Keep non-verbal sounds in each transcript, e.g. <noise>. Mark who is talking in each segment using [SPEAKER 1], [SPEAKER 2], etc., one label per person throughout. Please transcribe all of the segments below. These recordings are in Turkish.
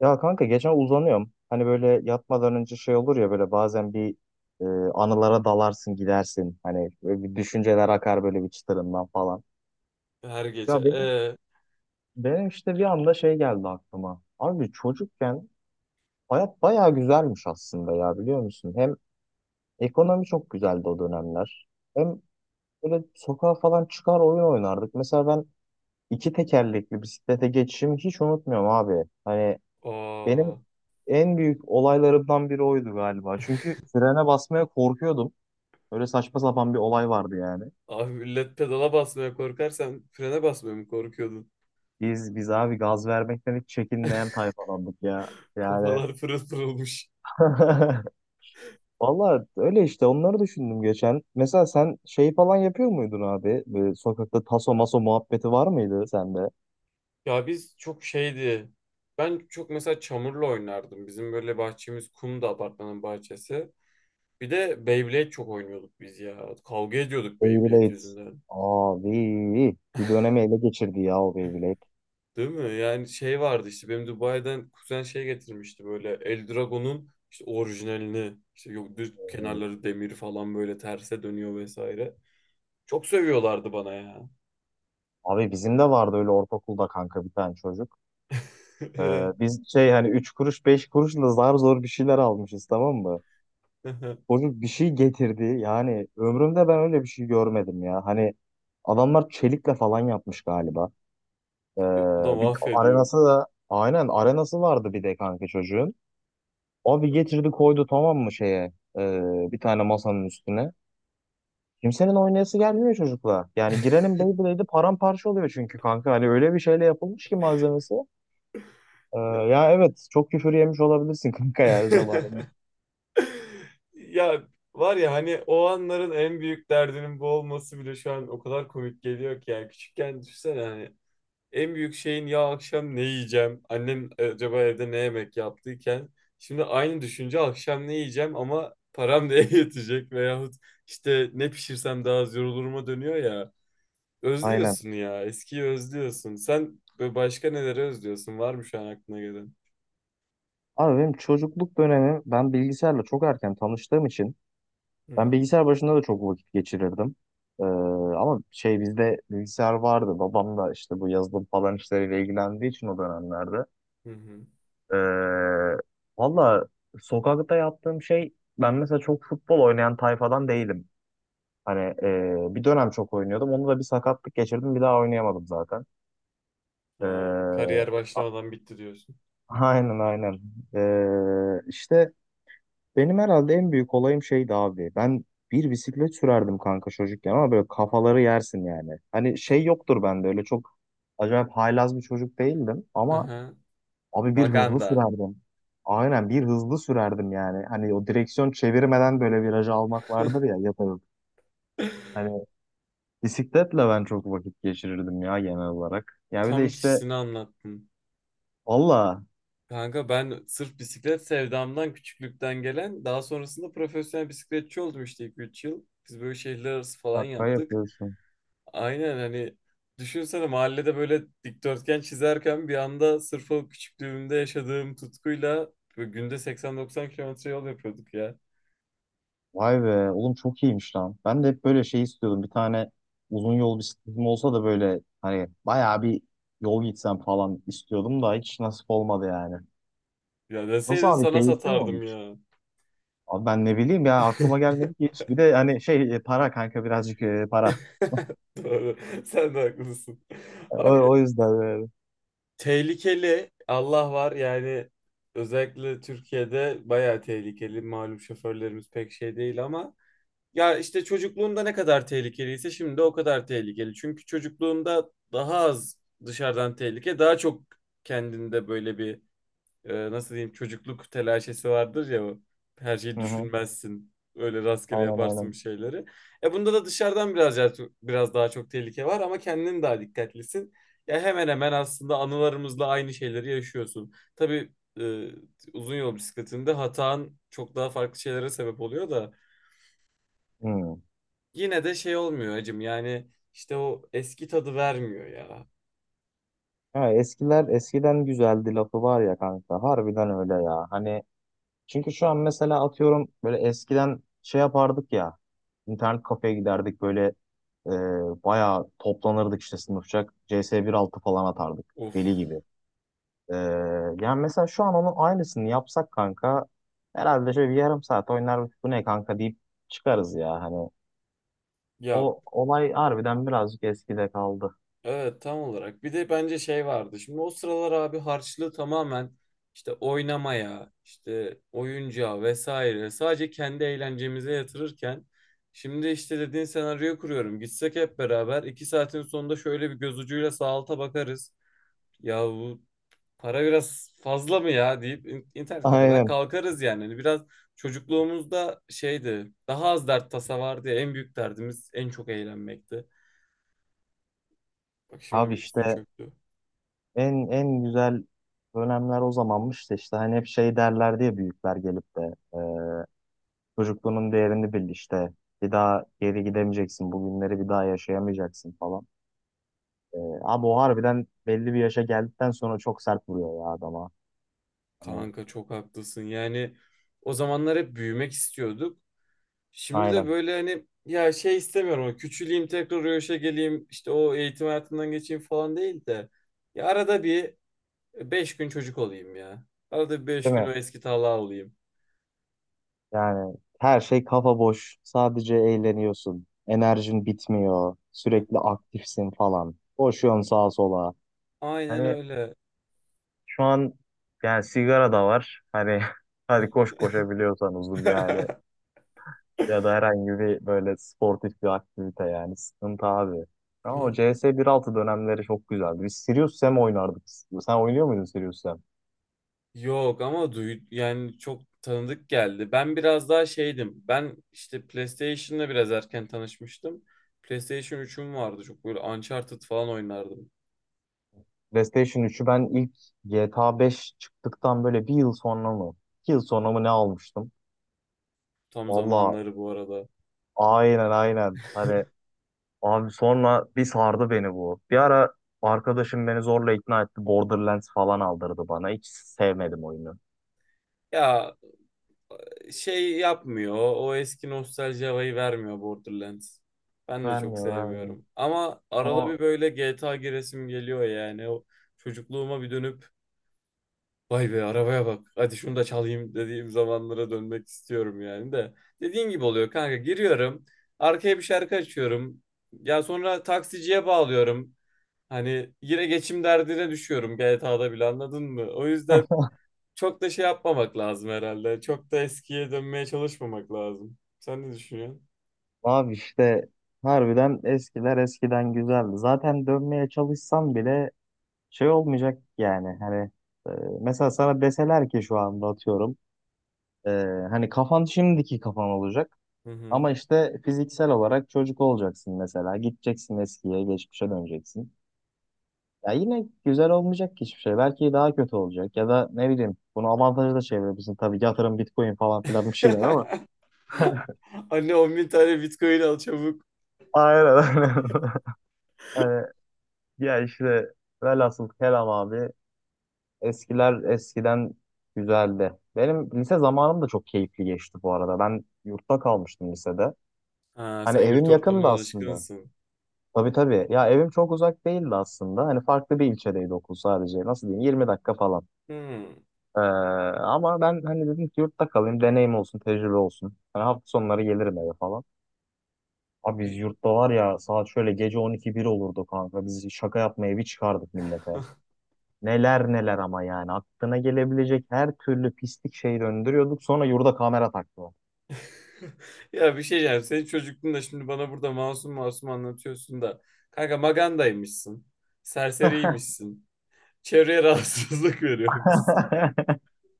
[SPEAKER 1] Ya kanka geçen uzanıyorum. Hani böyle yatmadan önce şey olur ya böyle bazen e, anılara dalarsın gidersin. Hani böyle bir düşünceler akar böyle bir çıtırından falan.
[SPEAKER 2] Her gece.
[SPEAKER 1] Ya benim, benim işte bir anda şey geldi aklıma. Abi çocukken hayat bayağı güzelmiş aslında ya biliyor musun? Hem ekonomi çok güzeldi o dönemler. Hem böyle sokağa falan çıkar oyun oynardık. Mesela ben iki tekerlekli bisiklete geçişimi hiç unutmuyorum abi. Hani
[SPEAKER 2] Aa,
[SPEAKER 1] benim en büyük olaylarımdan biri oydu galiba. Çünkü frene basmaya korkuyordum. Öyle saçma sapan bir olay vardı yani.
[SPEAKER 2] abi millet pedala basmaya korkar, frene basmaya mı korkuyordun?
[SPEAKER 1] Biz abi gaz vermekten hiç çekinmeyen tayfalandık ya. Yani
[SPEAKER 2] Kafalar pırıl pırılmış.
[SPEAKER 1] <laughs> valla öyle işte onları düşündüm geçen. Mesela sen şey falan yapıyor muydun abi? Böyle sokakta taso maso muhabbeti var mıydı sende?
[SPEAKER 2] Ya biz çok şeydi. Ben çok mesela çamurla oynardım. Bizim böyle bahçemiz kumdu, apartmanın bahçesi. Bir de Beyblade çok oynuyorduk biz ya. Kavga ediyorduk Beyblade
[SPEAKER 1] Beyblade.
[SPEAKER 2] yüzünden.
[SPEAKER 1] Abi bir dönemi ele geçirdi ya o Beyblade.
[SPEAKER 2] Değil mi? Yani şey vardı işte, benim Dubai'den kuzen şey getirmişti, böyle Eldragon'un işte orijinalini. İşte yok, düz kenarları demir falan, böyle terse dönüyor vesaire. Çok sövüyorlardı bana ya.
[SPEAKER 1] Abi bizim de vardı öyle ortaokulda kanka bir tane çocuk. Ee,
[SPEAKER 2] <laughs>
[SPEAKER 1] Biz şey hani 3 kuruş 5 kuruşla zar zor bir şeyler almışız, tamam mı? Çocuk bir şey getirdi. Yani ömrümde ben öyle bir şey görmedim ya. Hani adamlar çelikle falan yapmış galiba. Ee,
[SPEAKER 2] Bu da
[SPEAKER 1] Bir
[SPEAKER 2] mahvediyor.
[SPEAKER 1] arenası da aynen arenası vardı bir de kanka çocuğun. Abi getirdi koydu tamam mı şeye, bir tane masanın üstüne. Kimsenin oynayası gelmiyor çocukla. Yani girenin Beyblade'i paramparça oluyor çünkü kanka. Hani öyle bir şeyle yapılmış ki malzemesi.
[SPEAKER 2] Ya.
[SPEAKER 1] Ya evet, çok küfür yemiş olabilirsin <laughs> kanka yani zamanında.
[SPEAKER 2] <laughs> Ya, var ya hani o anların en büyük derdinin bu olması bile şu an o kadar komik geliyor ki, yani küçükken düşünsene, hani en büyük şeyin ya akşam ne yiyeceğim annem, acaba evde ne yemek yaptıyken, şimdi aynı düşünce akşam ne yiyeceğim ama param neye <laughs> yetecek, veyahut işte ne pişirsem daha az yoruluruma dönüyor ya.
[SPEAKER 1] Aynen.
[SPEAKER 2] Özlüyorsun ya. Eskiyi özlüyorsun. Sen böyle başka neleri özlüyorsun? Var mı şu an aklına gelen?
[SPEAKER 1] Abi benim çocukluk dönemi, ben bilgisayarla çok erken tanıştığım için
[SPEAKER 2] Hı
[SPEAKER 1] ben
[SPEAKER 2] hı.
[SPEAKER 1] bilgisayar başında da çok vakit geçirirdim. Ee, Ama şey, bizde bilgisayar vardı. Babam da işte bu yazılım falan işleriyle ilgilendiği için o dönemlerde.
[SPEAKER 2] Hı hı.
[SPEAKER 1] Ee, Valla sokakta yaptığım şey, ben mesela çok futbol oynayan tayfadan değilim. Hani bir dönem çok oynuyordum. Onu da bir sakatlık geçirdim. Bir daha oynayamadım zaten.
[SPEAKER 2] Ha,
[SPEAKER 1] Ee,
[SPEAKER 2] kariyer
[SPEAKER 1] <laughs>
[SPEAKER 2] başlamadan bitti diyorsun.
[SPEAKER 1] aynen aynen. İşte benim herhalde en büyük olayım şeydi abi. Ben bir bisiklet sürerdim kanka çocukken ama böyle kafaları yersin yani. Hani şey yoktur bende, öyle çok acayip haylaz bir çocuk değildim ama
[SPEAKER 2] Aha.
[SPEAKER 1] abi bir hızlı
[SPEAKER 2] Maganda.
[SPEAKER 1] sürerdim. Aynen, bir hızlı sürerdim yani. Hani o direksiyon çevirmeden böyle virajı almak vardır
[SPEAKER 2] <laughs>
[SPEAKER 1] ya, yaparım. Hani bisikletle ben çok vakit geçirirdim ya genel olarak. Ya bir de
[SPEAKER 2] Tam
[SPEAKER 1] işte
[SPEAKER 2] kişisini anlattın.
[SPEAKER 1] valla
[SPEAKER 2] Kanka ben sırf bisiklet sevdamdan, küçüklükten gelen, daha sonrasında profesyonel bisikletçi oldum işte 2 3 yıl. Biz böyle şehirler arası falan
[SPEAKER 1] şaka
[SPEAKER 2] yaptık.
[SPEAKER 1] yapıyorsun.
[SPEAKER 2] Aynen hani, düşünsene, mahallede böyle dikdörtgen çizerken bir anda sırf o küçüklüğümde yaşadığım tutkuyla böyle günde 80-90 kilometre yol yapıyorduk ya.
[SPEAKER 1] Vay be oğlum, çok iyiymiş lan. Ben de hep böyle şey istiyordum. Bir tane uzun yol bisikletim olsa da böyle hani bayağı bir yol gitsem falan istiyordum da hiç nasip olmadı yani.
[SPEAKER 2] Ya
[SPEAKER 1] Nasıl
[SPEAKER 2] deseydin
[SPEAKER 1] abi,
[SPEAKER 2] sana
[SPEAKER 1] keyifli mi
[SPEAKER 2] satardım
[SPEAKER 1] olmuş?
[SPEAKER 2] ya.
[SPEAKER 1] Abi ben ne bileyim ya, aklıma
[SPEAKER 2] <laughs>
[SPEAKER 1] gelmedi ki hiç. Bir de hani şey, para kanka, birazcık para.
[SPEAKER 2] Doğru. Sen de haklısın.
[SPEAKER 1] E,
[SPEAKER 2] Abi
[SPEAKER 1] O, o yüzden böyle.
[SPEAKER 2] tehlikeli, Allah var yani, özellikle Türkiye'de bayağı tehlikeli. Malum şoförlerimiz pek şey değil ama, ya işte çocukluğumda ne kadar tehlikeliyse şimdi o kadar tehlikeli. Çünkü çocukluğumda daha az dışarıdan tehlike, daha çok kendinde böyle bir, nasıl diyeyim, çocukluk telaşesi vardır ya. O. Her şeyi
[SPEAKER 1] Hı hı.
[SPEAKER 2] düşünmezsin. Öyle rastgele
[SPEAKER 1] Aynen
[SPEAKER 2] yaparsın
[SPEAKER 1] aynen.
[SPEAKER 2] bir şeyleri. E bunda da dışarıdan biraz biraz daha çok tehlike var ama kendin daha dikkatlisin. Ya hemen hemen aslında anılarımızla aynı şeyleri yaşıyorsun. Tabii e, uzun yol bisikletinde hatan çok daha farklı şeylere sebep oluyor da
[SPEAKER 1] Hı.
[SPEAKER 2] yine de şey olmuyor acım yani, işte o eski tadı vermiyor ya.
[SPEAKER 1] Ya eskiler eskiden güzeldi lafı var ya kanka. Harbiden öyle ya. Hani çünkü şu an mesela atıyorum böyle eskiden şey yapardık ya, internet kafeye giderdik böyle, e, bayağı toplanırdık işte sınıfçak CS 1.6 falan atardık
[SPEAKER 2] Of,
[SPEAKER 1] deli gibi. E, Yani mesela şu an onun aynısını yapsak kanka, herhalde şöyle bir yarım saat oynar, bu ne kanka deyip çıkarız ya. Hani
[SPEAKER 2] ya
[SPEAKER 1] o olay harbiden birazcık eskide kaldı.
[SPEAKER 2] evet, tam olarak. Bir de bence şey vardı şimdi o sıralar abi, harçlığı tamamen işte oynamaya, işte oyuncağa vesaire sadece kendi eğlencemize yatırırken, şimdi işte dediğin senaryoyu kuruyorum, gitsek hep beraber, 2 saatin sonunda şöyle bir göz ucuyla sağ alta bakarız. Ya bu para biraz fazla mı ya, deyip internet kafeden
[SPEAKER 1] Aynen.
[SPEAKER 2] kalkarız yani. Hani biraz çocukluğumuzda şeydi. Daha az dert tasa vardı ya. En büyük derdimiz en çok eğlenmekti. Bak şimdi
[SPEAKER 1] Abi
[SPEAKER 2] bir üstün
[SPEAKER 1] işte
[SPEAKER 2] çöktü.
[SPEAKER 1] en güzel dönemler o zamanmış da işte hani hep şey derler diye büyükler gelip de çocukluğunun değerini bil işte. Bir daha geri gidemeyeceksin. Bugünleri bir daha yaşayamayacaksın falan. Abi o harbiden belli bir yaşa geldikten sonra çok sert vuruyor ya adama. Hani,
[SPEAKER 2] Kanka çok haklısın. Yani o zamanlar hep büyümek istiyorduk. Şimdi de
[SPEAKER 1] aynen.
[SPEAKER 2] böyle hani, ya şey istemiyorum. O küçüleyim tekrar o yaşa geleyim, işte o eğitim hayatından geçeyim falan değil de. Ya arada bir 5 gün çocuk olayım ya. Arada bir 5
[SPEAKER 1] Değil
[SPEAKER 2] gün
[SPEAKER 1] mi?
[SPEAKER 2] o eski tala olayım.
[SPEAKER 1] Yani her şey kafa boş. Sadece eğleniyorsun. Enerjin bitmiyor. Sürekli aktifsin falan. Koşuyorsun sağa sola.
[SPEAKER 2] Aynen
[SPEAKER 1] Hani
[SPEAKER 2] öyle.
[SPEAKER 1] şu an yani sigara da var. Hani <laughs> hadi koş koşabiliyorsan uzun yani.
[SPEAKER 2] <laughs>
[SPEAKER 1] Ya da herhangi bir böyle sportif bir aktivite, yani sıkıntı abi. Ama
[SPEAKER 2] Ha,
[SPEAKER 1] o C S bir altı dönemleri çok güzeldi. Biz Serious Sam oynardık. Sen oynuyor muydun Serious Sam?
[SPEAKER 2] yok ama duy, yani çok tanıdık geldi. Ben biraz daha şeydim. Ben işte PlayStation'la biraz erken tanışmıştım. PlayStation üçüm vardı. Çok böyle Uncharted falan oynardım.
[SPEAKER 1] PlayStation 3'ü ben ilk GTA 5 çıktıktan böyle bir yıl sonra mı, İki yıl sonra mı ne almıştım?
[SPEAKER 2] Tam
[SPEAKER 1] Valla
[SPEAKER 2] zamanları bu arada.
[SPEAKER 1] aynen aynen. Hani abi sonra bir sardı beni bu. Bir ara arkadaşım beni zorla ikna etti, Borderlands falan aldırdı bana. Hiç sevmedim oyunu.
[SPEAKER 2] Ya şey yapmıyor. O eski nostalji havayı vermiyor Borderlands. Ben de çok
[SPEAKER 1] Vermiyor, vermiyor.
[SPEAKER 2] sevmiyorum. Ama arada
[SPEAKER 1] Ama
[SPEAKER 2] bir böyle GTA giresim geliyor yani. O çocukluğuma bir dönüp vay be arabaya bak, hadi şunu da çalayım dediğim zamanlara dönmek istiyorum yani de. Dediğin gibi oluyor kanka. Giriyorum. Arkaya bir şarkı açıyorum. Ya sonra taksiciye bağlıyorum. Hani yine geçim derdine düşüyorum GTA'da bile, anladın mı? O yüzden
[SPEAKER 1] <laughs>
[SPEAKER 2] çok da şey yapmamak lazım herhalde. Çok da eskiye dönmeye çalışmamak lazım. Sen ne düşünüyorsun?
[SPEAKER 1] abi işte harbiden eskiler eskiden güzeldi. Zaten dönmeye çalışsam bile şey olmayacak yani. Hani e, mesela sana deseler ki şu anda atıyorum, e, hani kafan şimdiki kafan olacak.
[SPEAKER 2] Hı hı.
[SPEAKER 1] Ama işte fiziksel olarak çocuk olacaksın mesela. Gideceksin eskiye, geçmişe döneceksin. Ya yine güzel olmayacak ki hiçbir şey. Belki daha kötü olacak. Ya da ne bileyim, bunu avantajı da çevirebilirsin. Tabii yatırım, Bitcoin falan filan bir şeyler ama.
[SPEAKER 2] <laughs> Anne 10 bin tane Bitcoin al çabuk.
[SPEAKER 1] Aynen. <laughs> Hani ya işte velhasıl kelam abi, eskiler eskiden güzeldi. Benim lise zamanım da çok keyifli geçti bu arada. Ben yurtta kalmıştım lisede.
[SPEAKER 2] Ha,
[SPEAKER 1] Hani
[SPEAKER 2] sen yurt
[SPEAKER 1] evim
[SPEAKER 2] ortamına
[SPEAKER 1] yakındı aslında.
[SPEAKER 2] alışkınsın.
[SPEAKER 1] Tabii tabii. Ya evim çok uzak değildi aslında. Hani farklı bir ilçedeydi okul sadece. Nasıl diyeyim? 20 dakika falan.
[SPEAKER 2] Hmm.
[SPEAKER 1] Ee, Ama ben hani dedim ki yurtta kalayım. Deneyim olsun, tecrübe olsun. Hani hafta sonları gelirim eve falan. Abi biz yurtta var ya, saat şöyle gece 12-1 olurdu kanka. Biz şaka yapmaya bir çıkardık millete.
[SPEAKER 2] <laughs>
[SPEAKER 1] Neler neler, ama yani aklına gelebilecek her türlü pislik şeyi döndürüyorduk. Sonra yurda kamera taktılar.
[SPEAKER 2] <laughs> Ya, bir şey diyeceğim. Senin çocukluğunda şimdi bana burada masum masum anlatıyorsun da. Kanka magandaymışsın. Serseriymişsin. Çevreye rahatsızlık <laughs> veriyormuşsun.
[SPEAKER 1] <laughs>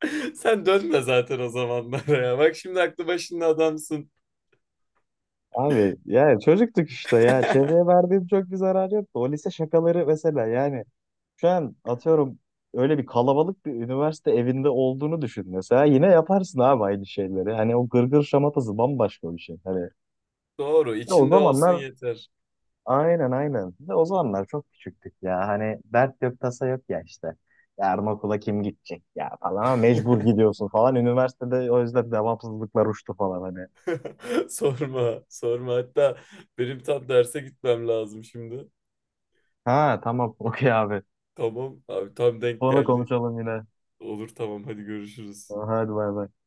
[SPEAKER 2] <laughs> Sen dönme zaten o zamanlara ya. Bak şimdi aklı başında adamsın.
[SPEAKER 1] Abi yani çocuktuk işte ya. Çevreye verdiğim çok bir zarar yoktu. O lise şakaları mesela yani şu an atıyorum, öyle bir kalabalık bir üniversite evinde olduğunu düşün mesela. Yine yaparsın abi aynı şeyleri. Hani o gırgır şamatası bambaşka bir şey. Hani
[SPEAKER 2] Doğru,
[SPEAKER 1] ya o
[SPEAKER 2] içinde olsun
[SPEAKER 1] zamanlar
[SPEAKER 2] yeter.
[SPEAKER 1] aynen aynen. Ve o zamanlar çok küçüktük ya. Hani dert yok, tasa yok ya işte. Yarın okula kim gidecek ya falan, ama mecbur gidiyorsun falan. Üniversitede o yüzden devamsızlıklar uçtu falan hani.
[SPEAKER 2] <laughs> Sorma, sorma. Hatta benim tam derse gitmem lazım şimdi.
[SPEAKER 1] Ha tamam, <laughs> okey abi.
[SPEAKER 2] Tamam abi, tam denk
[SPEAKER 1] Sonra
[SPEAKER 2] geldi.
[SPEAKER 1] konuşalım yine.
[SPEAKER 2] Olur tamam, hadi görüşürüz.
[SPEAKER 1] Tamam, hadi bay bay.